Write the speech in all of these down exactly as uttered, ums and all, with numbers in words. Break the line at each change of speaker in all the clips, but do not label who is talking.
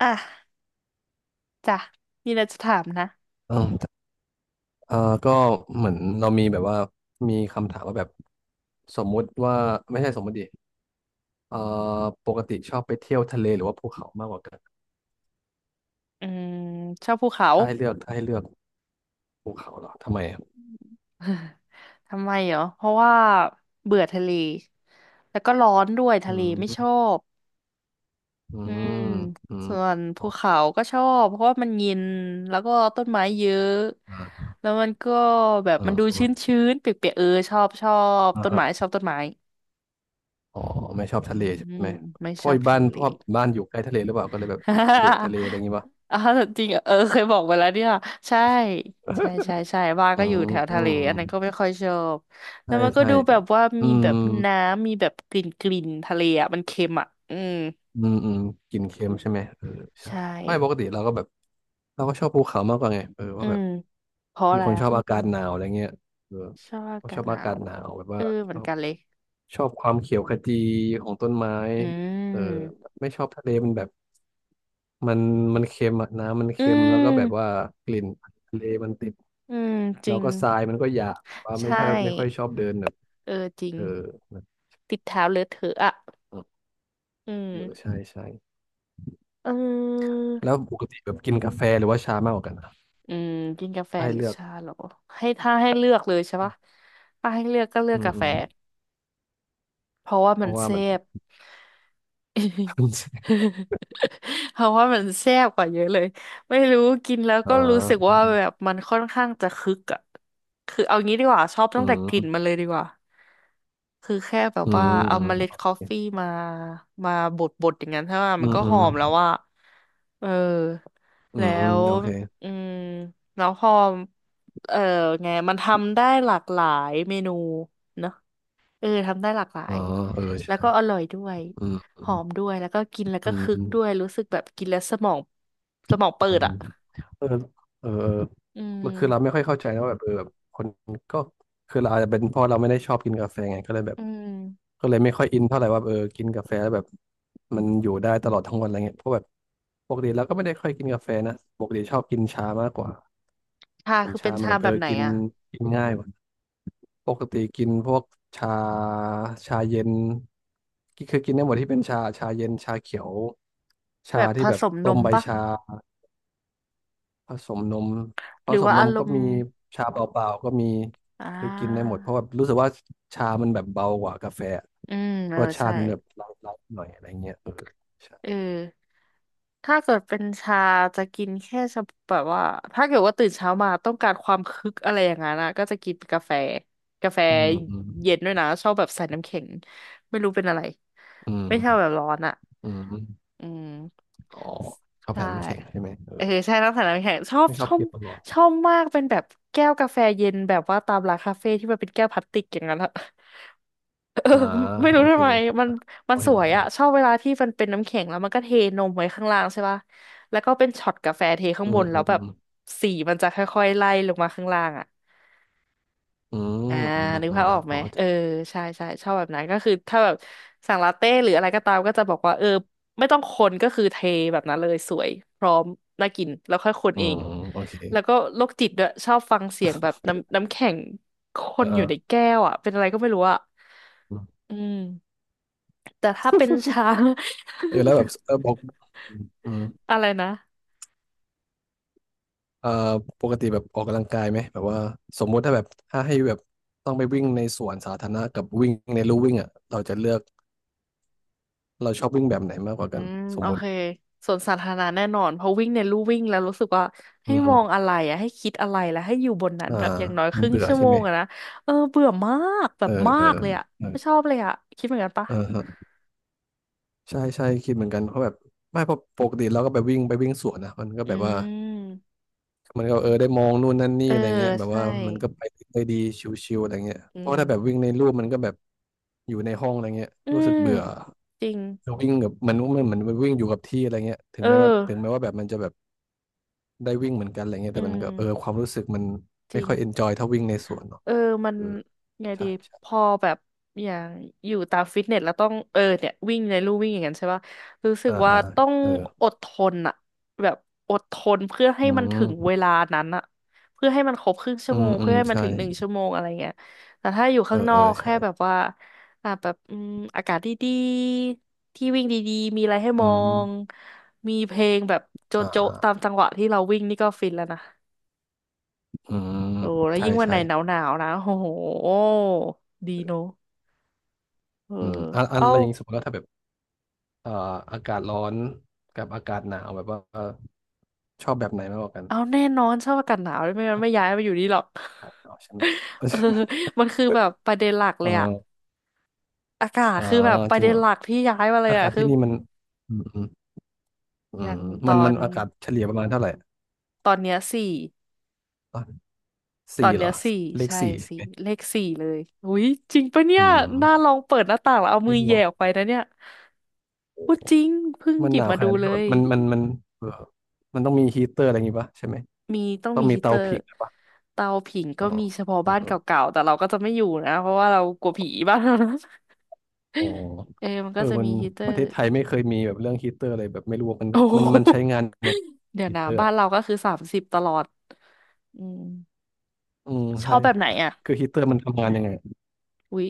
อ่ะจ้ะมีอะไรจะถามนะ
เออเออก็เหมือนเรามีแบบว่ามีคำถามว่าแบบสมมุติว่าไม่ใช่สมมติดิเออปกติชอบไปเที่ยวทะเลหรือว่าภูเขามากกว่ากัน
อืมชอบภูเขา
ถ้าให้เลือกถ้าให้เลือกภูเขาเหรอทำไมอะ
ทำไมเหรอเพราะว่าเบื่อทะเลแล้วก็ร้อนด้วย
อื
ทะเลไม่ชอ
ม
บ
อื
อืม
มอืม
ส่วน
อ๋
ภู
อ
เขาก็ชอบเพราะว่ามันเย็นแล้วก็ต้นไม้เยอะ
อ่า
แล้วมันก็แบบ
เอ
มันดู
อ
ชื้นชื้นเปียกๆเออชอบชอบ
อ่า
ต้น
ฮะ
ไม้ชอบต้นไม้
อ๋อไม่ชอบ
อื
ทะเลใช่
ม
ไหม
ไม่
เพ
ช
ราะ
อบ
บ้า
ทะ
น
เล
เพราะบ้านอยู่ใกล้ทะเลหรือเปล่าก็เลยแบบเบื่อทะ เลอะไรอย่างงี้ปะ
อ๋อจริงเหรอเออเคยบอกไปแล้วเนี่ยใช่ใช่ใช่ใช่บ้าน
อื
ก็อยู่
ม
แถว
อื
ทะเล
ม
อันนั้นก็ไม่ค่อยชอบแล้
ใช่
วมันก็
ใช่
ดูแบบว่า
อื
มี
ม
แบบน้ำมีแบบกลิ่นกลิ่นทะเลอ่ะมันเค็มอ่ะอืม
อืมอืมกินเค็มใช่ไหมเออใช่
ใช่
ไม่ปกติเราก็แบบเราก็ชอบภูเขามากกว่าไงเออ
อื
ว่าแบ
ม
บ
เพราะ
เป็
อะ
น
ไร
คนช
อ่ะ
อบอากาศหนาวอะไรเงี้ยเออ
ชอบอา
ผม
กา
ช
ศ
อบ
หนา
อากา
ว
ศ
เห
ห
รอ
นาวแบบ
เอ
ว่า
อเห
ช
มือน
อบ
กันเลย
ชอบความเขียวขจีของต้นไม้
อื
เออ
ม
ไม่ชอบทะเลมันแบบมันมันเค็มอะน้ำมัน
อื
เค็มแล้วก็แบบว่า
ม
กลิ่นทะเลมันติด
อืมจ
แล้
ริ
ว
ง
ก็ทรายมันก็หยาบว่า
ใช
ไม่ค่อยไม่ค่อย
่
ชอบเดินแบบ
เออจริง
เออเอ
ติดเท้าเลอะเทอะอ่ะ
อ
อื
เออ
ม
ใช่ใช่
เอ
แล้ว
อ
ปกติแบบกินกาแฟหรือว่าชามากกว่ากันอะ
อืมกินกาแฟ
ให้
หรือ
เลือก
ชาเหรอให้ถ้าให้เลือกเลยใช่ปะถ้าให้เลือกก็เลือ
อื
กกาแฟ
ม
เพราะว่า
เพ
มัน
ราะว่า
เซ
มัน
ฟ เพราะว่ามันแซ่บกว่าเยอะเลยไม่รู้กินแล้ว
อ่
ก็รู้สึก
า
ว่าแบบมันค่อนข้างจะคึกอะคือเอางี้ดีกว่าชอบ
อื
ตั้งแต่กลิ่นมั
ม
นเลยดีกว่าคือแค่แบบ
อืม
ว่าเอา
อืม
เมล็ด
โอ
กาแฟ
เค
มามาบดบดอย่างนั้นใช่ไหม
อื
มัน
ม
ก็
อื
ห
ม
อมแล้วว่าเออ
อื
แล้
ม
ว
โอเค
อืมแล้วพอเออไงมันทำได้หลากหลายเมนู เออทำได้หลากหลา
อ๋อ
ย
เออ
แล้ว
ใช่
ก็อร่อยด้วย
อืม
หอมด้วยแล้วก็กินแล้ว
อื
ก็
ม
คึ
อื
ก
ม
ด้วยรู้สึกแบบกินแล้วสมองสมอง
อื
เปิด
มอื
อ่ะ
มเออเออเออ
อื
แล้วคือเราไม่
ม
ค่อยเข้าใจนะว่าแบบเออแบบคนก็คือเราอาจจะเป็นเพราะเราไม่ได้ชอบกินกาแฟไงก็เลยแบบ
อืม
ก็เลยไม่ค่อยอินเท่าไหร่ว่าเออกินกาแฟแล้วแบบมันอยู่ได้ตลอดทั้งวันอะไรเงี้ยเพราะแบบปกติเราก็ไม่ได้ค่อยกินกาแฟนะปกติชอบกินชามากกว่า
ชา
มัน
คือเป็
ชา
น
มัน
ชา
แบบ
แบ
เออ
บไหน
กิน
อ่ะ
กินง่ายกว่า ปกติกินพวกชาชาเย็นกิคือกินได้หมดที่เป็นชาชาเย็นชาเขียว
แบ
ชา
บผ
ที่แบบ
สมน
ต้ม
ม
ใบ
ปะ
ชาผสมนมผ
หรือ
สม
ว่า
น
อา
ม
ร
ก็
มณ์
มีชาเปล่าๆก็มี
อ่า
คือกินได้หมดเพราะว่ารู้สึกว่าชามันแบบเบากว่ากาแฟ
อืมเออ
รสชา
ใช่
ติมันแบบไลท์ๆหน่อยอะไรเงี้ยเออ
เอ
ใช่
อ ถ้าเกิดเป็นชาจะกินแค่เฉพาะแบบว่าถ้าเกิดว่าตื่นเช้ามาต้องการความคึกอะไรอย่างนั้นนะก็จะกินกาแฟกาแฟ
อืมอืม
เย็นด้วยนะชอบแบบใส่น้ำแข็งไม่รู้เป็นอะไร
อืม
ไม่ชอบแบบร้อนอ่ะ
อืม
อืม
อ๋อชอบ
ใช่
แผ่นมันำแข็งใช่ไหมเอ
เออ
อ
ใช่น้ำใส่น้ำแข็งชอบ
ไม่ช
ช
อบ
อบ
กินตลอด
ชอบมากเป็นแบบแก้วกาแฟเย็นแบบว่าตามร้านคาเฟ่ที่มันเป็นแก้วพลาสติกอย่างนั้นอะ เออ
อ่า
ไม่
โอ
รู้
เค
ทำไมมัน
พ
มั
อ
นส
เห็น
วย
ภาพ
อะ
ออก
ชอบเวลาที่มันเป็นน้ำแข็งแล้วมันก็เทนมไว้ข้างล่างใช่ป่ะแล้วก็เป็นช็อตกาแฟเทข้าง
อื
บ
ม
นแล้
อื
ว
ม
แบ
อื
บ
ม
สีมันจะค่อยๆไล่ลงมาข้างล่างอะ
อืม
อ่า
อืม
นึก
อืม
ภาพอ
นะ
อก
พ
ไหม
อเข้าใจ
เออใช่ใช่ชอบแบบนั้นก็คือถ้าแบบสั่งลาเต้หรืออะไรก็ตามก็จะบอกว่าเออไม่ต้องคนก็คือเทแบบนั้นเลยสวยพร้อมน่ากินแล้วค่อยคน
อื
เอง
มโอเค
แล้วก็โรคจิตด้วยชอบฟังเสียงแบบน้ำน้ำแข็งค
เออ
น
เอ
อยู่
อ
ในแก้วอะเป็นอะไรก็ไม่รู้อะอืม แต่ถ้าเป็นช้าง
เออ แล้วแบบเออบอกอืมอืม
อะไรนะ
เอ่อปกติแบบออกกำลังกายไหมแบบว่าสมมุติถ้าแบบถ้าให้แบบต้องไปวิ่งในสวนสาธารณะกับวิ่งในลู่วิ่งอ่ะเราจะเลือกเราชอบวิ่งแบบไหนมากกว่า
อื
กัน
ม
ส
โอ
มมุ
เค
ติ
สวนสาธารณะแน่นอนเพราะวิ่งในลู่วิ่งแล้วรู้สึกว่า
อื
ให้มอ
ม
งอะไรอะให้คิดอะไรแล้วให้อยู่บนนั้น
อ่า
แบบอย่างน้อยค
มัน
รึ่ง
เบื่อ
ชั่ว
ใช่
โม
ไหม
งอะนะเออเบื่อมากแบ
เอ
บ
อ
มา
เอ
ก
อ
เลยอะ
เออ
ไม่ชอบเลยอะคิดเหมือนกันปะ
เออฮะใช่ใช่คิดเหมือนกันเพราะแบบไม่เพราะปกติเราก็ไปวิ่งไปวิ่งสวนนะมันก็
อื
แบบว่า
ม
มันก็เออได้มองนู่นนั่นนี่
เออ
อะไรเงี้ยแบบ
ใช่
ว่ามันก็ไปได้ดีชิวๆอะไรเงี้ย
อื
เพ
ม
ราะถ้าแบบวิ่งในรูปมันก็แบบอยู่ในห้องอะไรเงี้ย
อื
รู้สึ
ม
กเบื่อ
จริง
วิ่งแบบมันมันเหมือนวิ่งอยู่กับที่อะไรเงี้ยถึง
เออ
แม้ว่าถึงแม้ว่าแบบมันจะแบบได้วิ่งเหมือนกันอะไรเงี้ย
อื
แต่มันก็เออ
ม
ความรู้สึกมัน
จ
ไม่
ริง
ค่อยเอนจอยเท่าวิ่งในสวนเนาะ
เออมัน
เออ
ไง
ใช่
ดี
ใช่
พอแบบอย่างอยู่ตามฟิตเนสแล้วต้องเออเนี่ยวิ่งในลู่วิ่งอย่างนั้นใช่ป่ะรู้สึก
อ่า
ว่า
อ่า
ต้อง
เออ
อดทนอะแบบอดทนเพื่อให้
อื
มัน
ม
ถึงเวลานั้นอะเพื่อให้มันครบครึ่งชั่
อื
วโม
ม
ง
อื
เพื่
ม
อให้มัน
ใช่
ถึงหนึ่งชั่วโมงอะไรเงี้ยแต่ถ้าอยู่
เอ
ข้า
อ
งน
เอ
อ
อ
ก
ใช่
แค่แบบว่าอ่ะแบบอืมอากาศดีๆที่วิ่งดีๆมีอะไรให้ม
อื
อ
ม
งมีเพลงแบบโจ
อ่า
๊ะ
อ่า
ๆตามจังหวะที่เราวิ่งนี่ก็ฟินแล้วนะ
อืม
โอ้แล้ว
ใช่
ยิ่งวันไห
ใช่
นหนาวหนาวนะโอ้โหดีเนอะเออ
อืมอ่ะอ่ะ
เอา
อะไรอย่างงี้สมมติว่าถ้าแบบ เอ่ออากาศร้อนกับอากาศหนาวแบบว่าเอ่อชอบแบบไหนมากกว่ากัน
เอาแน่นอนชอบอากาศหนาวไม่งั้นไม่
อา
ย้ายมาอยู่นี่หรอก
กาศหนาวใช่ไหม
เออมันคือแบบประเด็นหลัก เล
เอ
ยอะ
อ
อากาศ
อ่า
คือแบบประ
จริง
เด็น
เหรอ
หลักที่ย้ายมาเลย
อา
อะ
กาศ
คือ
ที่นี่มันอืมอืมอื
อ
ม
ย่างต
มั
อ
นมั
น
นอากาศเฉลี่ยประมาณเท่าไหร่
ตอนเนี้ยสี่
อ่ะ
ตอ
สี่
น
เหร
เนี้ย
อ
สี่
เลข
ใช่
สี่ใช่
สี่
ไหม
เลขสี่เลยอุ้ยจริงปะเนี่
อื
ย
ม
น่าลองเปิดหน้าต่างแล้วเอา
เล
มือ
ขห
แห
ม
ย่
อก
ออกไปนะเนี่ยพูดจริงเพิ่ง
มั
ห
น
ยิ
ห
บ
นาว
มา
ขนา
ดู
ดนี้
เล
ก็แบ
ย
บมันมันมันเออมันต้องมีฮีเตอร์อะไรอย่างงี้ปะใช่ไหม
มีต้อง
ต้อ
มี
งมี
ฮีเต
เตา
อร์
ผิงอะไรปะ
เตาผิงก็
อ๋อ
มีเฉพาะ
เอ
บ้าน
อ
เก่าๆแต่เราก็จะไม่อยู่นะเพราะว่าเรากลัวผีบ้านเรานะ
อ๋อ
เออมัน
เอ
ก็
อ
จะ
มั
มี
น
ฮีเตอ
ประ
ร์
เทศไทยไม่เคยมีแบบเรื่องฮีเตอร์อะไรแบบไม่รู้ว่ามัน
โอ้โห
มันมันใช้งานยังไง
เดี๋ยว
ฮี
นะ
เตอร์
บ้านเราก็คือสามสิบตลอดอืม
อืม
ชอ
ใช่
บแบบไหนอ่ะ
คือฮีตเตอร์มันทำงานยังไง
อุ๊ย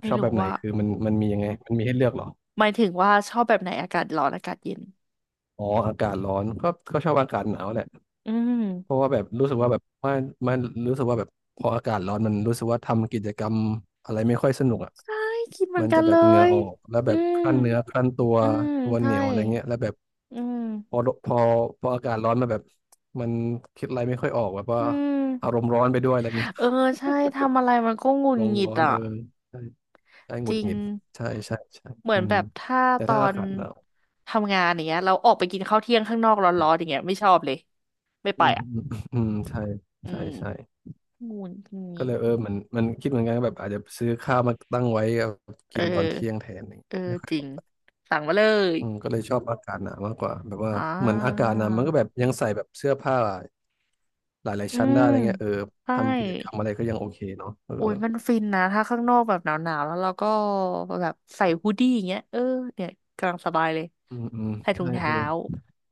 ไม่
ชอบแบ
รู้
บไหน
ว่า
คือมันมันมียังไงมันมีให้เลือกเหรอ
หมายถึงว่าชอบแบบไหนอากาศร้อนอากาศเย็น
อ๋ออากาศร้อนก็ก็ชอบอากาศหนาวแหละ
อืม
เพราะว่าแบบรู้สึกว่าแบบมันมันรู้สึกว่าแบบพออากาศร้อนมันรู้สึกว่าทำกิจกรรมอะไรไม่ค่อยสนุกอ่ะ
ใช่คิดเหมือ
มั
น
น
กั
จะ
น
แบ
เล
บเหงื่อ
ย
ออกแล้วแบ
อื
บค
ม
รั่นเนื้อครั่นตัว
อืม
ตัวเห
ใช่
นียวอะไรเงี้ยแล้วแบบ
อืม
พอพอพออากาศร้อนมาแบบมันคิดอะไรไม่ค่อยออกแบบว่า
อื
อาร
ม
มณ์ร้อนไปด้วยอะไรเงี้ย
เออใช่ทำอะไรมันก็หงุ
อา
ด
รม
ห
ณ์
งิด
ร้อน
อ่ะ
เออ ใช่ห
จ
งุด
ริ
ห
ง
งิดใช่ใช่ใช่
เหมือ
อื
นแบ
ม
บถ้า
แต่
ตอ
ถ้าอา
น
กาศหนาว
ทำงานอย่างเงี้ยเราออกไปกินข้าวเที่ยงข้างนอกร้อนๆอย่างเงี้ยไม่ชอบเลยไม่
อื
ไป
ม
อ่ะ
อืมอืมใช่
อื
ใช่
ม
ใช่
งูนงี
ก็
น
เลยเออมันมันคิดเหมือนกันแบบอาจจะซื้อข้าวมาตั้งไว้เอา
เอ
กินตอนเที่ย
อ
งแทนนี่
เออ
ไม่ค่อย
จริ
ออ
ง
ก
สั่งมาเลย
อืมก็เลยชอบอากาศหนาวมากกว่าแบบว่า
อ่
เหมือนอากา
า
ศหนาวมันก็แบบยังใส่แบบเสื้อผ้าหลาย
อื
ๆชั้นได้
ม
อะไรเงี้ยเออ
ใช่
ทำกิจกรรมอะไรก็ยังโอเคเนาะเออ
โอ้ยมันฟินนะถ้าข้างนอกแบบหนาวๆแล้วเราก็แบบใส่ฮูดดี้อย่างเงี้ยเออเนี่ยกำลังสบายเลย
อืมอืม
ใส่ถุง
ใช่เออ
เท้า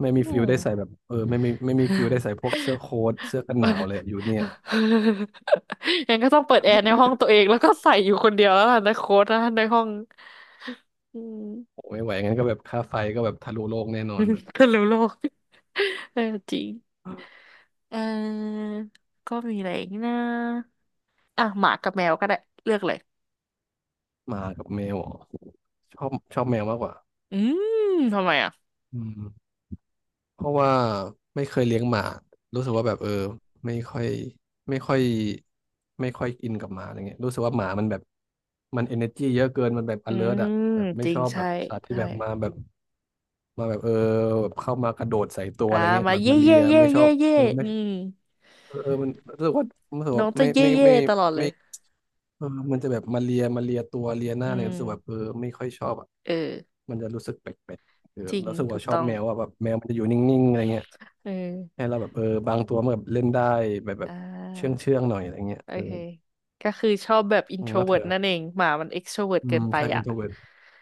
ไม่
อื
มีฟิล
ม
ได้ใส่แบบเออไม่มีไม่มีฟิลได้ใส่ พวกเสื้อโค้ทเสื้อกันหนาวเลยอยู่เนี่ย
งั้นก็ต้องเปิดแอร์ในห้องตัวเองแล้วก็ใส่อยู่คนเดียวแล้วล่ะในโค้ดนะในห้อง อืม
โอ้ไม่ไหวงั้นก็แบบค่าไฟก็แบบทะลุโลกแน่นอนอะ
คนรู้โลก เออจริงเออก็มีอะไรอีกนะอ่ะหมากับแมวก็ได้เลือกเลย
หมากับแมวอ๋อชอบชอบแมวมากกว่า
อืมทำไมอ่ะ
อืมเพราะว่าไม่เคยเลี้ยงหมารู้สึกว่าแบบเออไม่ค่อยไม่ค่อยไม่ค่อยอินกับหมาอะไรเงี้ยรู้สึกว่าหมามันแบบมันเอเนอร์จีเยอะเกินมันแบบ
อื
alert
ม
อะแบบไม่
จริ
ช
ง
อบแบ
ใช่
บสัตว์ที่
ใช่
แบบมาแบบมาแบบเออแบบเข้ามากระโดดใส่ตัว
อ่า
อะไรเงี้ย
มา
แบบ
เย่
มาเลี
เย่
ย
เย่
ไม่ช
เย่
อบ
เย่
เออไม่
อืม
เออเออมันรู้สึกว่ารู้สึก
น้อ
ว่า
งจะ
ไม่
เย่
ไม่
เย่
ไม่
ตลอดเล
ไม่
ย
เออมันจะแบบมาเลียมาเลียตัวเลียห
อื
น้าเนี่ยรู้สึกแบบเอ
ม
อไม่ค่อยชอบอ่ะ
เออ
มันจะรู้สึกแปลกๆเออ
จริง
แล้วรู้สึก
ถู
ว่า
ก
ชอบ
ต้อง
แมวอ่ะแบบแมวมันจะอยู่นิ่งๆอะไรเงี้ย
เออ
ให้เราแบบเออบางตัวมันแบบเล่นได้แบบแบ
อ่
บเชื่อง
า
เชื่องหน่อยอะไรเงี้ย
โอ
เออ
เค ก็คือชอบแบบ
อืมแล้วเธ
introvert
อ
นั่นเองหมามัน extrovert
อื
เกิ
ม
นไป
ใช่อิ
อ่ะ
นโทรเวิร์ต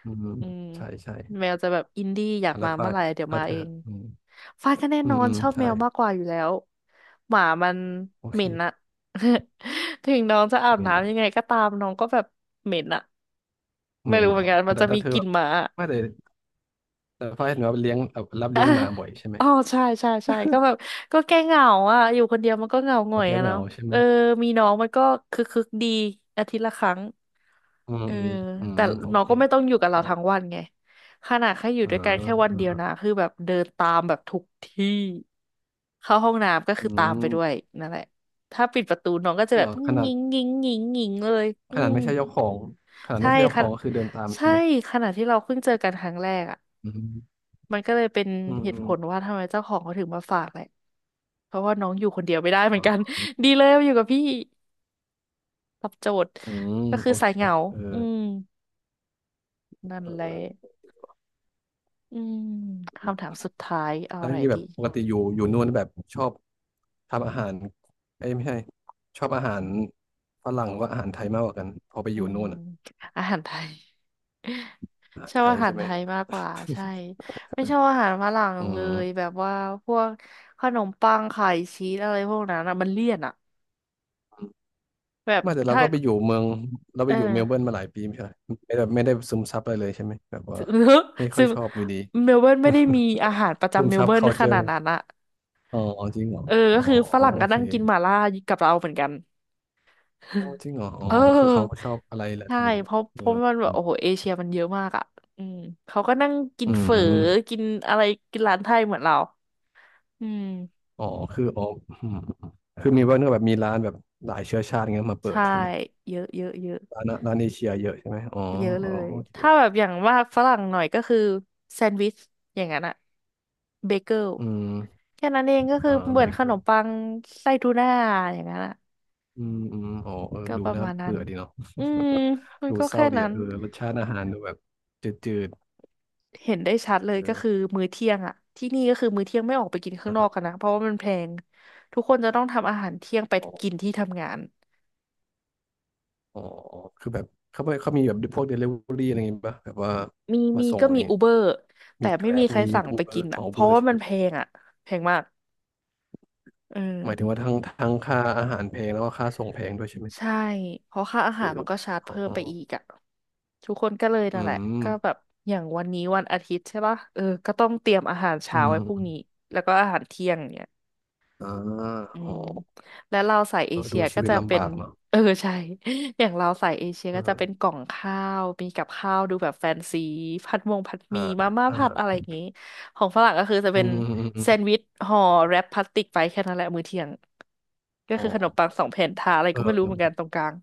อืม
อืม
ใช่ใช่
แมวจะแบบอินดี้อยาก
อัล
มา
ฟา
เมื่อ
ย
ไหร่เดี๋ยว
แล้ว
มา
เธ
เอ
อ
ง
อืม
ฟ้าก็แน่
อื
น
ม
อน
อืม
ชอบแม
ใช่
วมากกว่าอยู่แล้วหมามัน
โอ
เห
เค
ม็นอะ ถึงน้องจะอาบ
เมนเหรอ
น้ำยังไงก็ตามน้องก็แบบเหม็นอะไม่
เมน
รู้
เห
เห
ร
มื
อ
อนกันมัน
แต่
จะมี
ถ้าเธอ
กลิ่
แบ
น
บ
หมา
ไม่แต่แต่ฟ้ายเห็นว่าเลี้ยงแบบรับเลี้ยงหมาบ่อยใช่ไหม
อ๋อใช่ใช่ใช่ก็แบบก็แก้เหงาอ่ะอยู่คนเดียวมันก็เหงาหง
โอ
อย
เค
อะ
เหงา
เนาะ
ใช่ไห
เอ
ม
อมีน้องมันก็คึกคึกดีอาทิตย์ละครั้ง
อืม
เออ
อืมอืม
แต่
โอ
น้อง
เค
ก็ไม่ต้อง
อ
อยู่กับเรา
่
ทั้งวันไงขนาดแค่อยู่
า
ด้วยกันแค่วันเดียวนะ
อ่า
คือแบบเดินตามแบบทุกที่เข้าห้องน้ำก็
อื
คือตามไปด้วย
ม
นั่นแหละถ้าปิดประตูน้องก็
จ
จะ
ริง
แบ
เหร
บ
อขนา
งิ
ด
งงิงงิงงิงเลยอื
ขนาด
ม
ไม่ใช่เจ้าของขนาด
ใช่
ไม่ใช่เจ้าข
ค่ะ
องก็คือเดินตาม
ใช่
ใช่ไหม
ขณะที่เราเพิ่งเจอกันครั้งแรกอะ
อืม
มันก็เลยเป็น
อืม
เห
อื
ตุผ
ม
ลว่าทำไมเจ้าของเขาถึงมาฝากแหละเพราะว่าน้องอยู่คนเดียวไม่ได้เหมื
อ๋
อนกัน
อ
ดีเลยมาอยู่กับพี่รับโจทย์
อืม
ก็คือ
โอ
สาย
เค
เหงา
เออ
อืมนั่นแหละ
เออ
อืมคำถามสุดท้ายเอา
แล้ว
อะ
อ
ไร
ย่างนี้แบ
ดี
บปกติอยู่อยู่นู่นแบบชอบทำอาหารเอ้ยไม่ใช่ชอบอาหารฝรั่งหรือว่าอาหารไทยมากกว่ากันพอไปอ
อื
ยู่
ม
นู่นอะ
อาหารไทย
อาหา
ช
ร
อบ
ไทย
อาหาร
ใช่ไห
ไท
ม
ยมากกว่าใช่ ไม่ชอบอาหารฝรั่ง
อื
เลยแบ
ม
บว่าพวกขนมปังไข่ชีสอะไรพวกนั้นอะมันเลี่ยนอะแบบ
ไมาแต่เรา
ถ้า
ก็ไปอยู่เมืองเรา
เอ
ไป
อ
อยู่เมลเบิร์นมาหลายปีไม่ใช่เหรอไม่ได้ไม่ได้ซึมซับอะไรเลยใช่ไหมแบบว่า
ซึ่ง
ไม่ ค่อ
ซึ่
ย
ง
ชอบอยู่ดี
เมลเบิร์นไม่ได้มีอาหารประ
ซึ
จำ
ม
เมล
ซับ
เบิร์นขนา
culture
ดนั้นอะ
อ๋อจริงเหรอ
เออ
อ๋อ
ก็คือฝรั่ง
โอ
ก็
เค
นั่งกินหม่าล่ากับเราเหมือนกัน
โอ้ จริงเหรออ๋อ
เอ
คือเขาก็
อ
ชอบอะไรแหละ
ใช่
นี่เหร
เพ
อ
ราะ
เอ
เพราะ
อ
มันแบ
อื
บโอ้โห
ม
เอเชียมันเยอะมากอ่ะอืมเขาก็นั่งกิ
อื
นเฝอ
ม
กินอะไรกินร้านไทยเหมือนเราอืม
อ๋อคืออ๋ออืมคือมีว่าเนื้องแบบมีร้านแบบหลายเชื้อชาติเงี้ยมาเปิด
ใช่
ใช่ไหม
เยอะเยอะเยอะ
ร้านร้านเอเชียเยอะใช่ไหมอ๋อ
เยอะเล
อ๋อ
ย
โอเค
ถ้าแบบอย่างว่าฝรั่งหน่อยก็คือแซนด์วิชอย่างนั้นอะเบเกิล
อืม
แค่นั้นเองก็คือ
อ่า
เห
เบ
มือนข
เกอ
นม
ร์
ปังไส้ทูน่าอย่างนั้นอะ
อืมอืมอ๋อเออ
ก็
ดู
ประ
น่า
มาณนั้น
เบื่อดีเนาะ
อืมมั น
ดู
ก็
เศ
แค่
ร้าดี
นั้
อะ
น
เออรสชาติอาหารดูแบบจืด
เห็นได้ชัดเล
ๆ
ยก็
เออ
คือมื้อเที่ยงอะ ที่นี่ก็คือมื้อเที่ยงไม่ออกไปกินข้าง
นะ
น
ค
อ
รั
กกั
บ
นนะ เพราะว่ามันแพงทุกคนจะต้องทำอาหารเที่ยงไปกินที่ทำงาน
อ๋อคือแบบเขาไม่เขามีแบบพวกเดลิเวอรี่อะไรอย่างงี้ป่ะแบบว่า
มี
มา
มี
ส่ง
ก็
อะไร
มีอู
เงี้ย
เบอร์แต่
มีแก
ไม่
ร็
มี
บ
ใคร
มี
สั่ง
อู
ไป
เบอ
กิ
ร์
น
ขอ
อะ
งอู
เพ
เบอ
ราะ
ร์
ว่า
ใช่
มั
ไห
น
ม
แพงอะแพงมากอื
หมายถึง
ม
ว่าทั้งทั้งค่าอาหารแพงแล้วก็ค่าส่งแพงด้วยใช่ไหม
ใช่เพราะค่าอา
ห
หาร
รือ
มันก็ชาร์จเพิ่ม
อ๋อ
ไปอีกอะ ทุกคนก็เลย
อื
นั่นแหละก็แบ
ม
บอย่างวันนี้วันอาทิตย์ใช่ปะเออก็ต้องเตรียมอาหาร
อื
เช้าไว้พรุ่ง
ม
นี้แล้วก็อาหารเที่ยงเนี่ย
อ่า
อื
อ๋อ
มแล้วเราสายเอ
เออ
เชี
ดู
ย
ชี
ก็
วิต
จะเป็
ลำ
น
บากเนาะ
เออใช่ อย่างเราสายเอเชีย
เอ
ก็จะเป็นก
อ
ล่องข้าวมีกับข้าวดูแบบแฟนซีผัดมงผัดห
อ่า
มี่มาม่า
อ่า
ผัดอะไรอย่างงี้ของฝรั่งก็คือจะ
อื
เป็น
มอืมอืมอ
แซ
ม
นด์วิชห่อแรปพลาสติกไปแค่นั้นแหละมื้อเที่ยงก็
อ๋อ
คือขนมปังสองแผ่นทาอะไรก็
เอ
ไม่รู้เหมือนกัน
อ
ตรงกลาง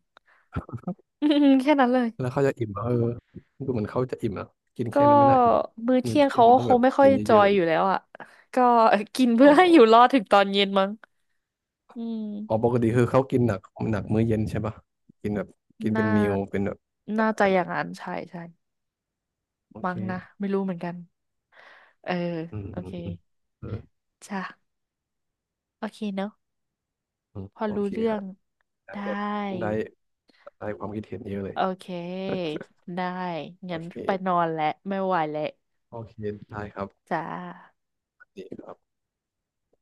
อืมๆแค่นั้นเลย
แล้วเขาจะอิ่มเหรอเออดูเหมือนเขาจะอิ่มนะกิน
ก็
แค่นั้นไม่น่าอิ่ม
มื้อ
มื้อ
เที่ยง
เที่ยง
เขา
มัน
ก็
ต้อง
ค
แบ
ง
บ
ไม่ค่อ
กิ
ย
น
จ
เย
อ
อะๆก
ย
ว่า
อยู่
นี้
แล้วอ่ะก็ กิน
อ๋
เพื่
อ
อให้อยู่รอดถึงตอนเย็นมั้งอืม
อ๋อปกติคือเขากินหนักหนักมื้อเย็นใช่ปะกินแบบกินเป็
น่า
นมิลเป็นแบบ
น่าจะอย่างนั้นใช่ใช่
โอเค
มั้งนะ ไม่รู้เหมือนกัน เออ
อืม
โอ
อื
เค
มอืมเออ
จ้ะโอเคเนอะ
อืม
พอ
โอ
รู้
เค
เรื่อง
ฮะได้
ได
แบบ
้
ได้ได้ความคิดเห็นเยอะเลย
โอเค ได้
โอ
งั้น
เค
ไปนอนแล้ว ไม่ไหวแล้ว
โอเคได้ครับ
จ้า
ดีครับ